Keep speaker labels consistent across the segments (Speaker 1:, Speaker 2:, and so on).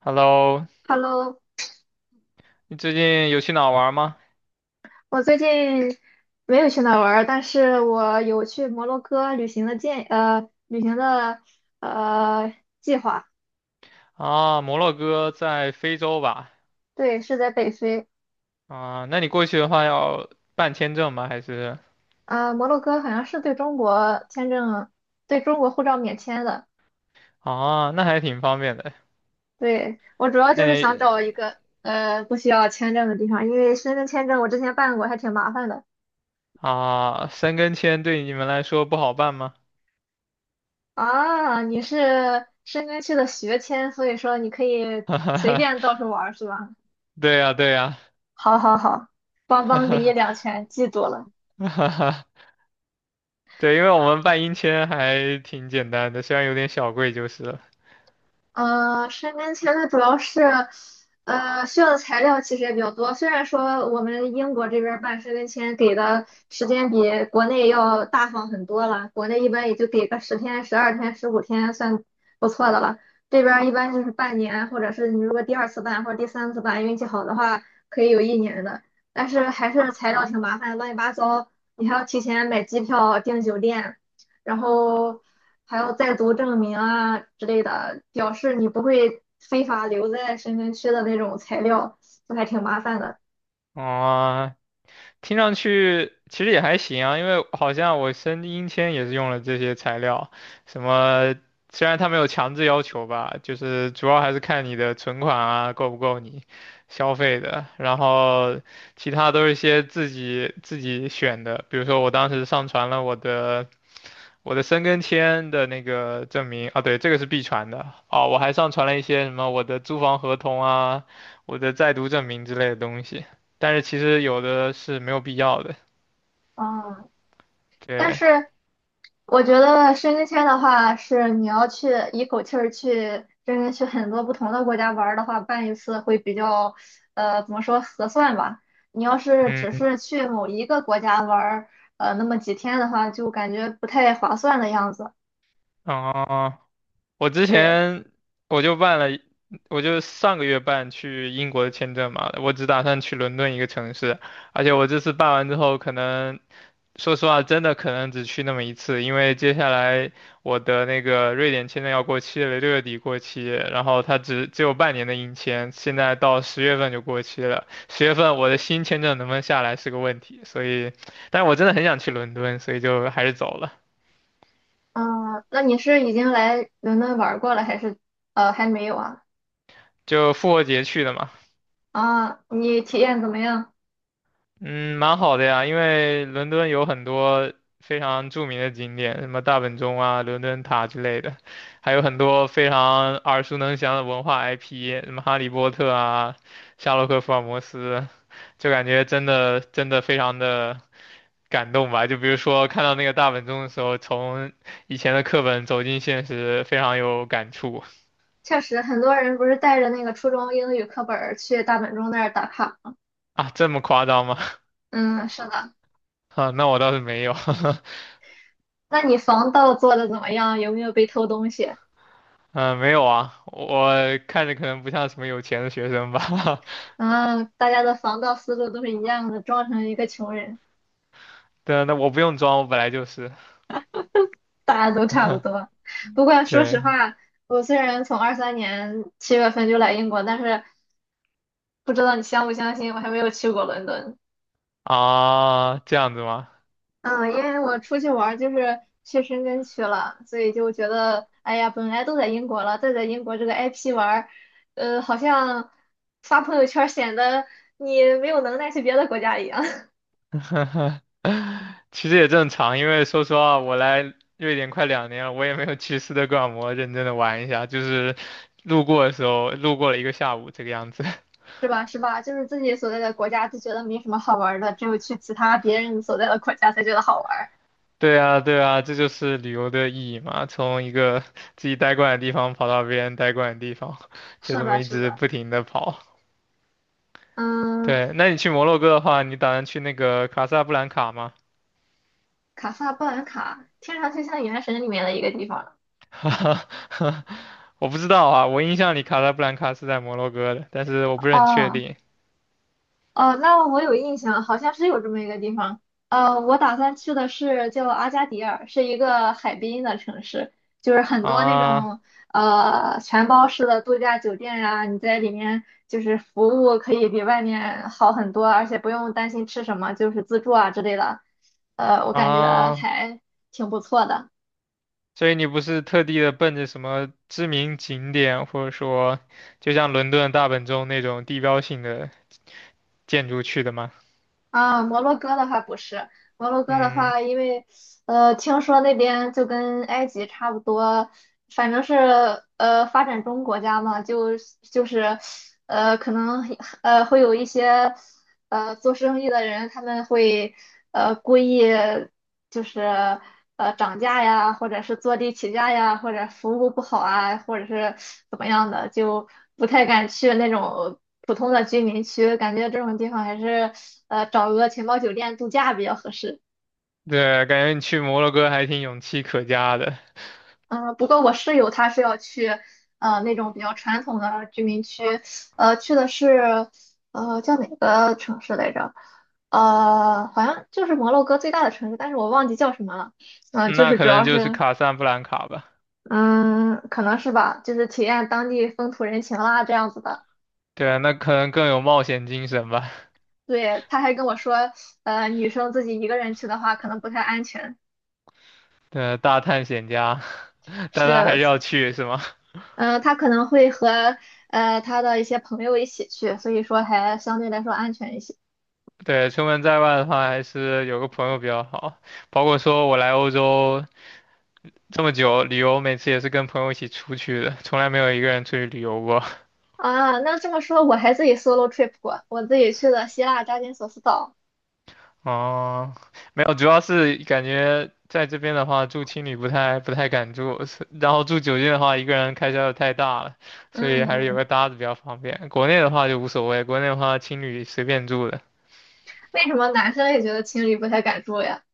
Speaker 1: Hello，
Speaker 2: Hello，
Speaker 1: 你最近有去哪儿玩儿吗？
Speaker 2: 我最近没有去哪儿玩儿，但是我有去摩洛哥旅行的呃计划。
Speaker 1: 啊，摩洛哥在非洲吧？
Speaker 2: 对，是在北非。
Speaker 1: 啊，那你过去的话要办签证吗？还是
Speaker 2: 摩洛哥好像是对中国签证，对中国护照免签的。
Speaker 1: 啊，那还挺方便的。
Speaker 2: 对，我主要
Speaker 1: 那
Speaker 2: 就是
Speaker 1: 你
Speaker 2: 想找一个不需要签证的地方，因为申根签证我之前办过，还挺麻烦的。
Speaker 1: 啊，申根签对你们来说不好办吗？
Speaker 2: 啊，你是申根区的学签，所以说你可以
Speaker 1: 哈哈
Speaker 2: 随
Speaker 1: 哈，
Speaker 2: 便到处玩儿是吧？
Speaker 1: 对呀，对呀，
Speaker 2: 好好好，邦邦给你两拳，记住了。
Speaker 1: 哈哈，对，因为我们办英签还挺简单的，虽然有点小贵就是了。
Speaker 2: 申根签它主要是，需要的材料其实也比较多。虽然说我们英国这边儿办申根签给的时间比国内要大方很多了，国内一般也就给个10天、12天、15天算不错的了。这边儿一般就是半年，或者是你如果第二次办或者第三次办，运气好的话可以有一年的。但是还是材料挺麻烦，乱七八糟，你还要提前买机票、订酒店。然后还有在读证明啊之类的，表示你不会非法留在深圳区的那种材料，就还挺麻烦的。
Speaker 1: 啊，听上去其实也还行啊，因为好像我声音签也是用了这些材料，什么虽然他没有强制要求吧，就是主要还是看你的存款啊够不够你消费的，然后其他都是一些自己选的，比如说我当时上传了我的申根签的那个证明啊，对，这个是必传的哦。我还上传了一些什么我的租房合同啊、我的在读证明之类的东西，但是其实有的是没有必要的。
Speaker 2: 嗯，但
Speaker 1: 对，
Speaker 2: 是我觉得申根签的话，是你要去一口气儿去深圳去很多不同的国家玩儿的话，办一次会比较，怎么说合算吧。你要是只
Speaker 1: 嗯，
Speaker 2: 是去某一个国家玩儿，那么几天的话，就感觉不太划算的样子。
Speaker 1: 啊、我之
Speaker 2: 对。
Speaker 1: 前我就办了我就上个月办去英国的签证嘛，我只打算去伦敦一个城市，而且我这次办完之后，可能说实话，真的可能只去那么一次，因为接下来我的那个瑞典签证要过期了，六月底过期，然后它只有半年的硬签，现在到十月份就过期了，十月份我的新签证能不能下来是个问题，所以，但是我真的很想去伦敦，所以就还是走了，
Speaker 2: 嗯，那你是已经来伦敦玩儿过了，还是还没有啊？
Speaker 1: 就复活节去的嘛。
Speaker 2: 啊，你体验怎么样？
Speaker 1: 嗯，蛮好的呀，因为伦敦有很多非常著名的景点，什么大本钟啊、伦敦塔之类的，还有很多非常耳熟能详的文化 IP，什么《哈利波特》啊、《夏洛克·福尔摩斯》，就感觉真的真的非常的感动吧。就比如说看到那个大本钟的时候，从以前的课本走进现实，非常有感触
Speaker 2: 确实，很多人不是带着那个初中英语课本儿去大本钟那儿打卡。
Speaker 1: 啊。这么夸张吗？
Speaker 2: 嗯，是的。
Speaker 1: 啊，那我倒是没有。
Speaker 2: 那你防盗做的怎么样？有没有被偷东西？
Speaker 1: 嗯，没有啊，我看着可能不像什么有钱的学生吧。
Speaker 2: 嗯，大家的防盗思路都是一样的，装成一个穷人，
Speaker 1: 对啊，那我不用装，我本来就是。
Speaker 2: 大家都差不多。不过说
Speaker 1: 对
Speaker 2: 实话，我虽然从23年7月份就来英国，但是不知道你相不相信，我还没有去过伦敦。
Speaker 1: 啊，这样子吗？
Speaker 2: 嗯，因为我出去玩儿就是去深圳去了，所以就觉得，哎呀，本来都在英国了，再在英国这个 IP 玩儿，好像发朋友圈儿显得你没有能耐去别的国家一样，
Speaker 1: 其实也正常，因为说实话，我来瑞典快两年了，我也没有去斯德哥尔摩认真的玩一下，就是路过的时候，路过了一个下午这个样子。
Speaker 2: 是吧？是吧？就是自己所在的国家就觉得没什么好玩儿的，只有去其他别人所在的国家才觉得好玩儿。
Speaker 1: 对啊，对啊，这就是旅游的意义嘛，从一个自己待惯的地方跑到别人待惯的地方，就
Speaker 2: 是
Speaker 1: 这么
Speaker 2: 的，
Speaker 1: 一
Speaker 2: 是
Speaker 1: 直
Speaker 2: 的，
Speaker 1: 不停的跑。
Speaker 2: 嗯，
Speaker 1: 对，那你去摩洛哥的话，你打算去那个卡萨布兰卡吗？
Speaker 2: 卡萨布兰卡听上去像《原神》里面的一个地方
Speaker 1: 我不知道啊，我印象里卡萨布兰卡是在摩洛哥的，但是我不是很确
Speaker 2: 哦，
Speaker 1: 定
Speaker 2: 哦，那我有印象，好像是有这么一个地方。我打算去的是叫阿加迪尔，是一个海滨的城市，就是很多那
Speaker 1: 啊
Speaker 2: 种全包式的度假酒店呀、你在里面就是服务可以比外面好很多，而且不用担心吃什么，就是自助啊之类的。我感觉
Speaker 1: 啊。
Speaker 2: 还挺不错的。
Speaker 1: 所以你不是特地的奔着什么知名景点，或者说就像伦敦的大本钟那种地标性的建筑去的吗？
Speaker 2: 啊，摩洛哥的话不是，摩洛哥的
Speaker 1: 嗯，
Speaker 2: 话，因为听说那边就跟埃及差不多，反正是发展中国家嘛，就是可能会有一些。做生意的人他们会故意就是涨价呀，或者是坐地起价呀，或者服务不好啊，或者是怎么样的，就不太敢去那种普通的居民区，感觉这种地方还是找个钱包酒店度假比较合适。
Speaker 1: 对，感觉你去摩洛哥还挺勇气可嘉的。
Speaker 2: 嗯，不过我室友他是要去那种比较传统的居民区，去的是叫哪个城市来着？好像就是摩洛哥最大的城市，但是我忘记叫什么了。嗯、就
Speaker 1: 那
Speaker 2: 是
Speaker 1: 可
Speaker 2: 主
Speaker 1: 能
Speaker 2: 要
Speaker 1: 就是
Speaker 2: 是，
Speaker 1: 卡萨布兰卡吧。
Speaker 2: 嗯，可能是吧，就是体验当地风土人情啦，这样子的。
Speaker 1: 对啊，那可能更有冒险精神吧。
Speaker 2: 对，他还跟我说，女生自己一个人去的话，可能不太安全。
Speaker 1: 对，大探险家，但他还
Speaker 2: 是，
Speaker 1: 是要去，是吗？
Speaker 2: 嗯、他可能会和他的一些朋友一起去，所以说还相对来说安全一些。
Speaker 1: 对，出门在外的话，还是有个朋友比较好。包括说我来欧洲这么久，旅游每次也是跟朋友一起出去的，从来没有一个人出去旅游过。
Speaker 2: 啊，那这么说，我还自己 solo trip 过，我自己去了希腊扎金索斯岛。
Speaker 1: 哦，没有，主要是感觉在这边的话，住青旅不太敢住，是然后住酒店的话，一个人开销又太大了，所以
Speaker 2: 嗯嗯，
Speaker 1: 还是有个搭子比较方便。国内的话就无所谓，国内的话青旅随便住的。
Speaker 2: 为什么男生也觉得情侣不太敢住呀？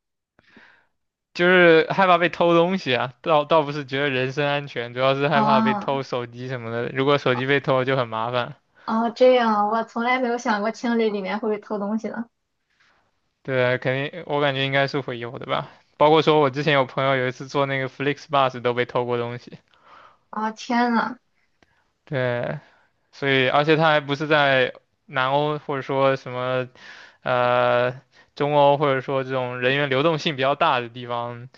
Speaker 1: 就是害怕被偷东西啊，倒不是觉得人身安全，主要是害怕被
Speaker 2: 啊。
Speaker 1: 偷手机什么的。如果手机被偷就很麻烦，
Speaker 2: 哦，这样啊我从来没有想过清理里面会偷东西呢。
Speaker 1: 对啊，肯定我感觉应该是会有的吧。包括说我之前有朋友有一次坐那个 FlixBus 都被偷过东西，
Speaker 2: 啊，天呐！
Speaker 1: 对，所以而且他还不是在南欧或者说什么呃中欧或者说这种人员流动性比较大的地方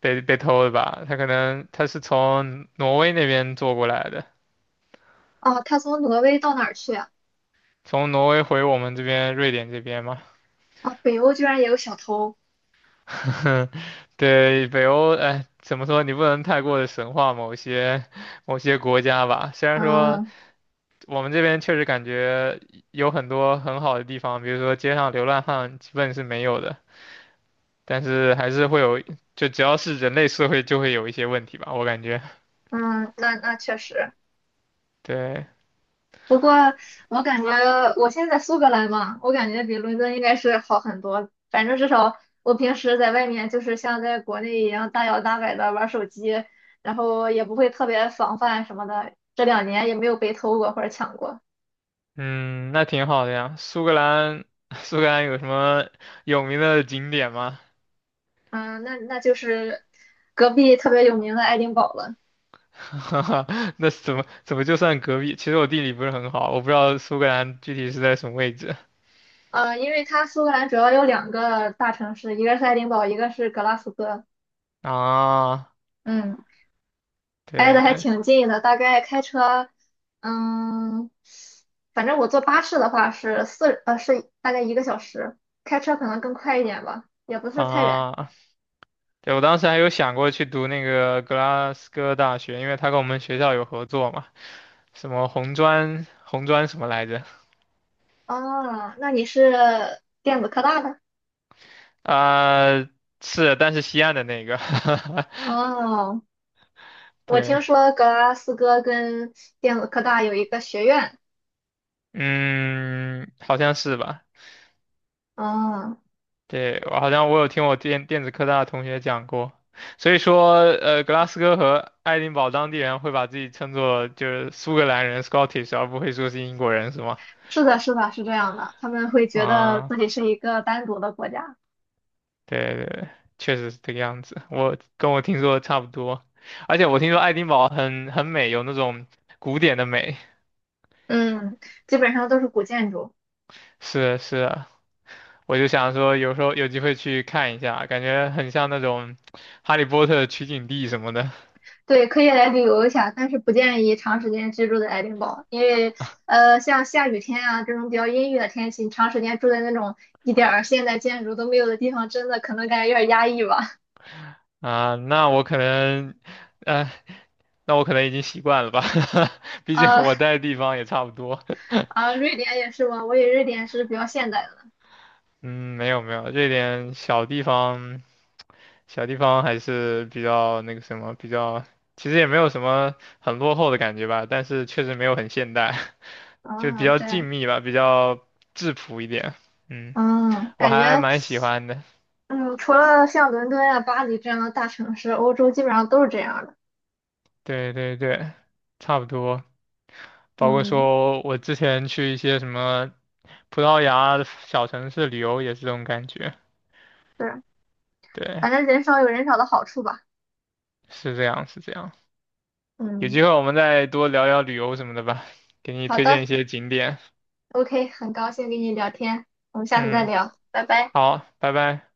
Speaker 1: 被偷的吧，他可能他是从挪威那边坐过来的。
Speaker 2: 哦，他从挪威到哪儿去啊？
Speaker 1: 从挪威回我们这边瑞典这边嘛，
Speaker 2: 啊，北欧居然也有小偷。
Speaker 1: 对，北欧，哎，怎么说？你不能太过的神化某些国家吧。虽然说
Speaker 2: 嗯
Speaker 1: 我们这边确实感觉有很多很好的地方，比如说街上流浪汉基本是没有的，但是还是会有，就只要是人类社会就会有一些问题吧，我感觉。
Speaker 2: 嗯，那确实。
Speaker 1: 对，
Speaker 2: 不过我感觉我现在在苏格兰嘛，我感觉比伦敦应该是好很多。反正至少我平时在外面就是像在国内一样大摇大摆的玩手机，然后也不会特别防范什么的。这2年也没有被偷过或者抢过。
Speaker 1: 嗯，那挺好的呀。苏格兰，苏格兰有什么有名的景点吗？
Speaker 2: 嗯，那就是隔壁特别有名的爱丁堡了。
Speaker 1: 哈哈，那怎么就算隔壁？其实我地理不是很好，我不知道苏格兰具体是在什么位置
Speaker 2: 因为它苏格兰主要有2个大城市，一个是爱丁堡，一个是格拉斯哥。
Speaker 1: 啊。
Speaker 2: 嗯，挨得还
Speaker 1: 对
Speaker 2: 挺近的，大概开车，嗯，反正我坐巴士的话是四，呃，是大概1个小时，开车可能更快一点吧，也不是太远。
Speaker 1: 啊，对，我当时还有想过去读那个格拉斯哥大学，因为他跟我们学校有合作嘛，什么红砖什么来着？
Speaker 2: 哦，那你是电子科大的？
Speaker 1: 啊、是，但是西岸的那个，
Speaker 2: 哦，我
Speaker 1: 对，
Speaker 2: 听说格拉斯哥跟电子科大有一个学院。
Speaker 1: 嗯，好像是吧。
Speaker 2: 哦，
Speaker 1: 对，我好像我有听我电子科大的同学讲过，所以说，格拉斯哥和爱丁堡当地人会把自己称作就是苏格兰人 （Scottish），而不会说是英国人，是吗？
Speaker 2: 是的，是的，是这样的，他们会觉得
Speaker 1: 啊，
Speaker 2: 自己是一个单独的国家。
Speaker 1: 对对对，确实是这个样子，我跟我听说的差不多，而且我听说爱丁堡很美，有那种古典的美，
Speaker 2: 嗯，基本上都是古建筑。
Speaker 1: 是是啊，我就想说有时候有机会去看一下，感觉很像那种《哈利波特》取景地什么的
Speaker 2: 对，可以来旅游一下，但是不建议长时间居住在爱丁堡，因为像下雨天啊这种比较阴郁的天气，你长时间住在那种一点儿现代建筑都没有的地方，真的可能感觉有点压抑吧。
Speaker 1: 啊，那我可能。呃，那我可能已经习惯了吧，毕竟
Speaker 2: 呃
Speaker 1: 我待的地方也差不多。
Speaker 2: 啊，瑞典也是吗？我以为瑞典是比较现代的。
Speaker 1: 嗯，没有没有，这点小地方，小地方还是比较那个什么，比较其实也没有什么很落后的感觉吧，但是确实没有很现代，就比
Speaker 2: 啊，
Speaker 1: 较
Speaker 2: 这
Speaker 1: 静
Speaker 2: 样，
Speaker 1: 谧吧，比较质朴一点。嗯，
Speaker 2: 嗯，
Speaker 1: 我
Speaker 2: 感
Speaker 1: 还
Speaker 2: 觉，
Speaker 1: 蛮喜欢的。
Speaker 2: 嗯，除了像伦敦啊、巴黎这样的大城市，欧洲基本上都是这样的。
Speaker 1: 对对对，差不多。包括
Speaker 2: 嗯，
Speaker 1: 说我之前去一些什么葡萄牙的小城市旅游也是这种感觉。
Speaker 2: 是，
Speaker 1: 对，
Speaker 2: 反正人少有人少的好处吧。
Speaker 1: 是这样，是这样。有
Speaker 2: 嗯，
Speaker 1: 机会我们再多聊聊旅游什么的吧，给你
Speaker 2: 好
Speaker 1: 推荐
Speaker 2: 的。
Speaker 1: 一些景点。
Speaker 2: OK，很高兴跟你聊天，我们下次再
Speaker 1: 嗯，
Speaker 2: 聊，拜拜。
Speaker 1: 好，拜拜。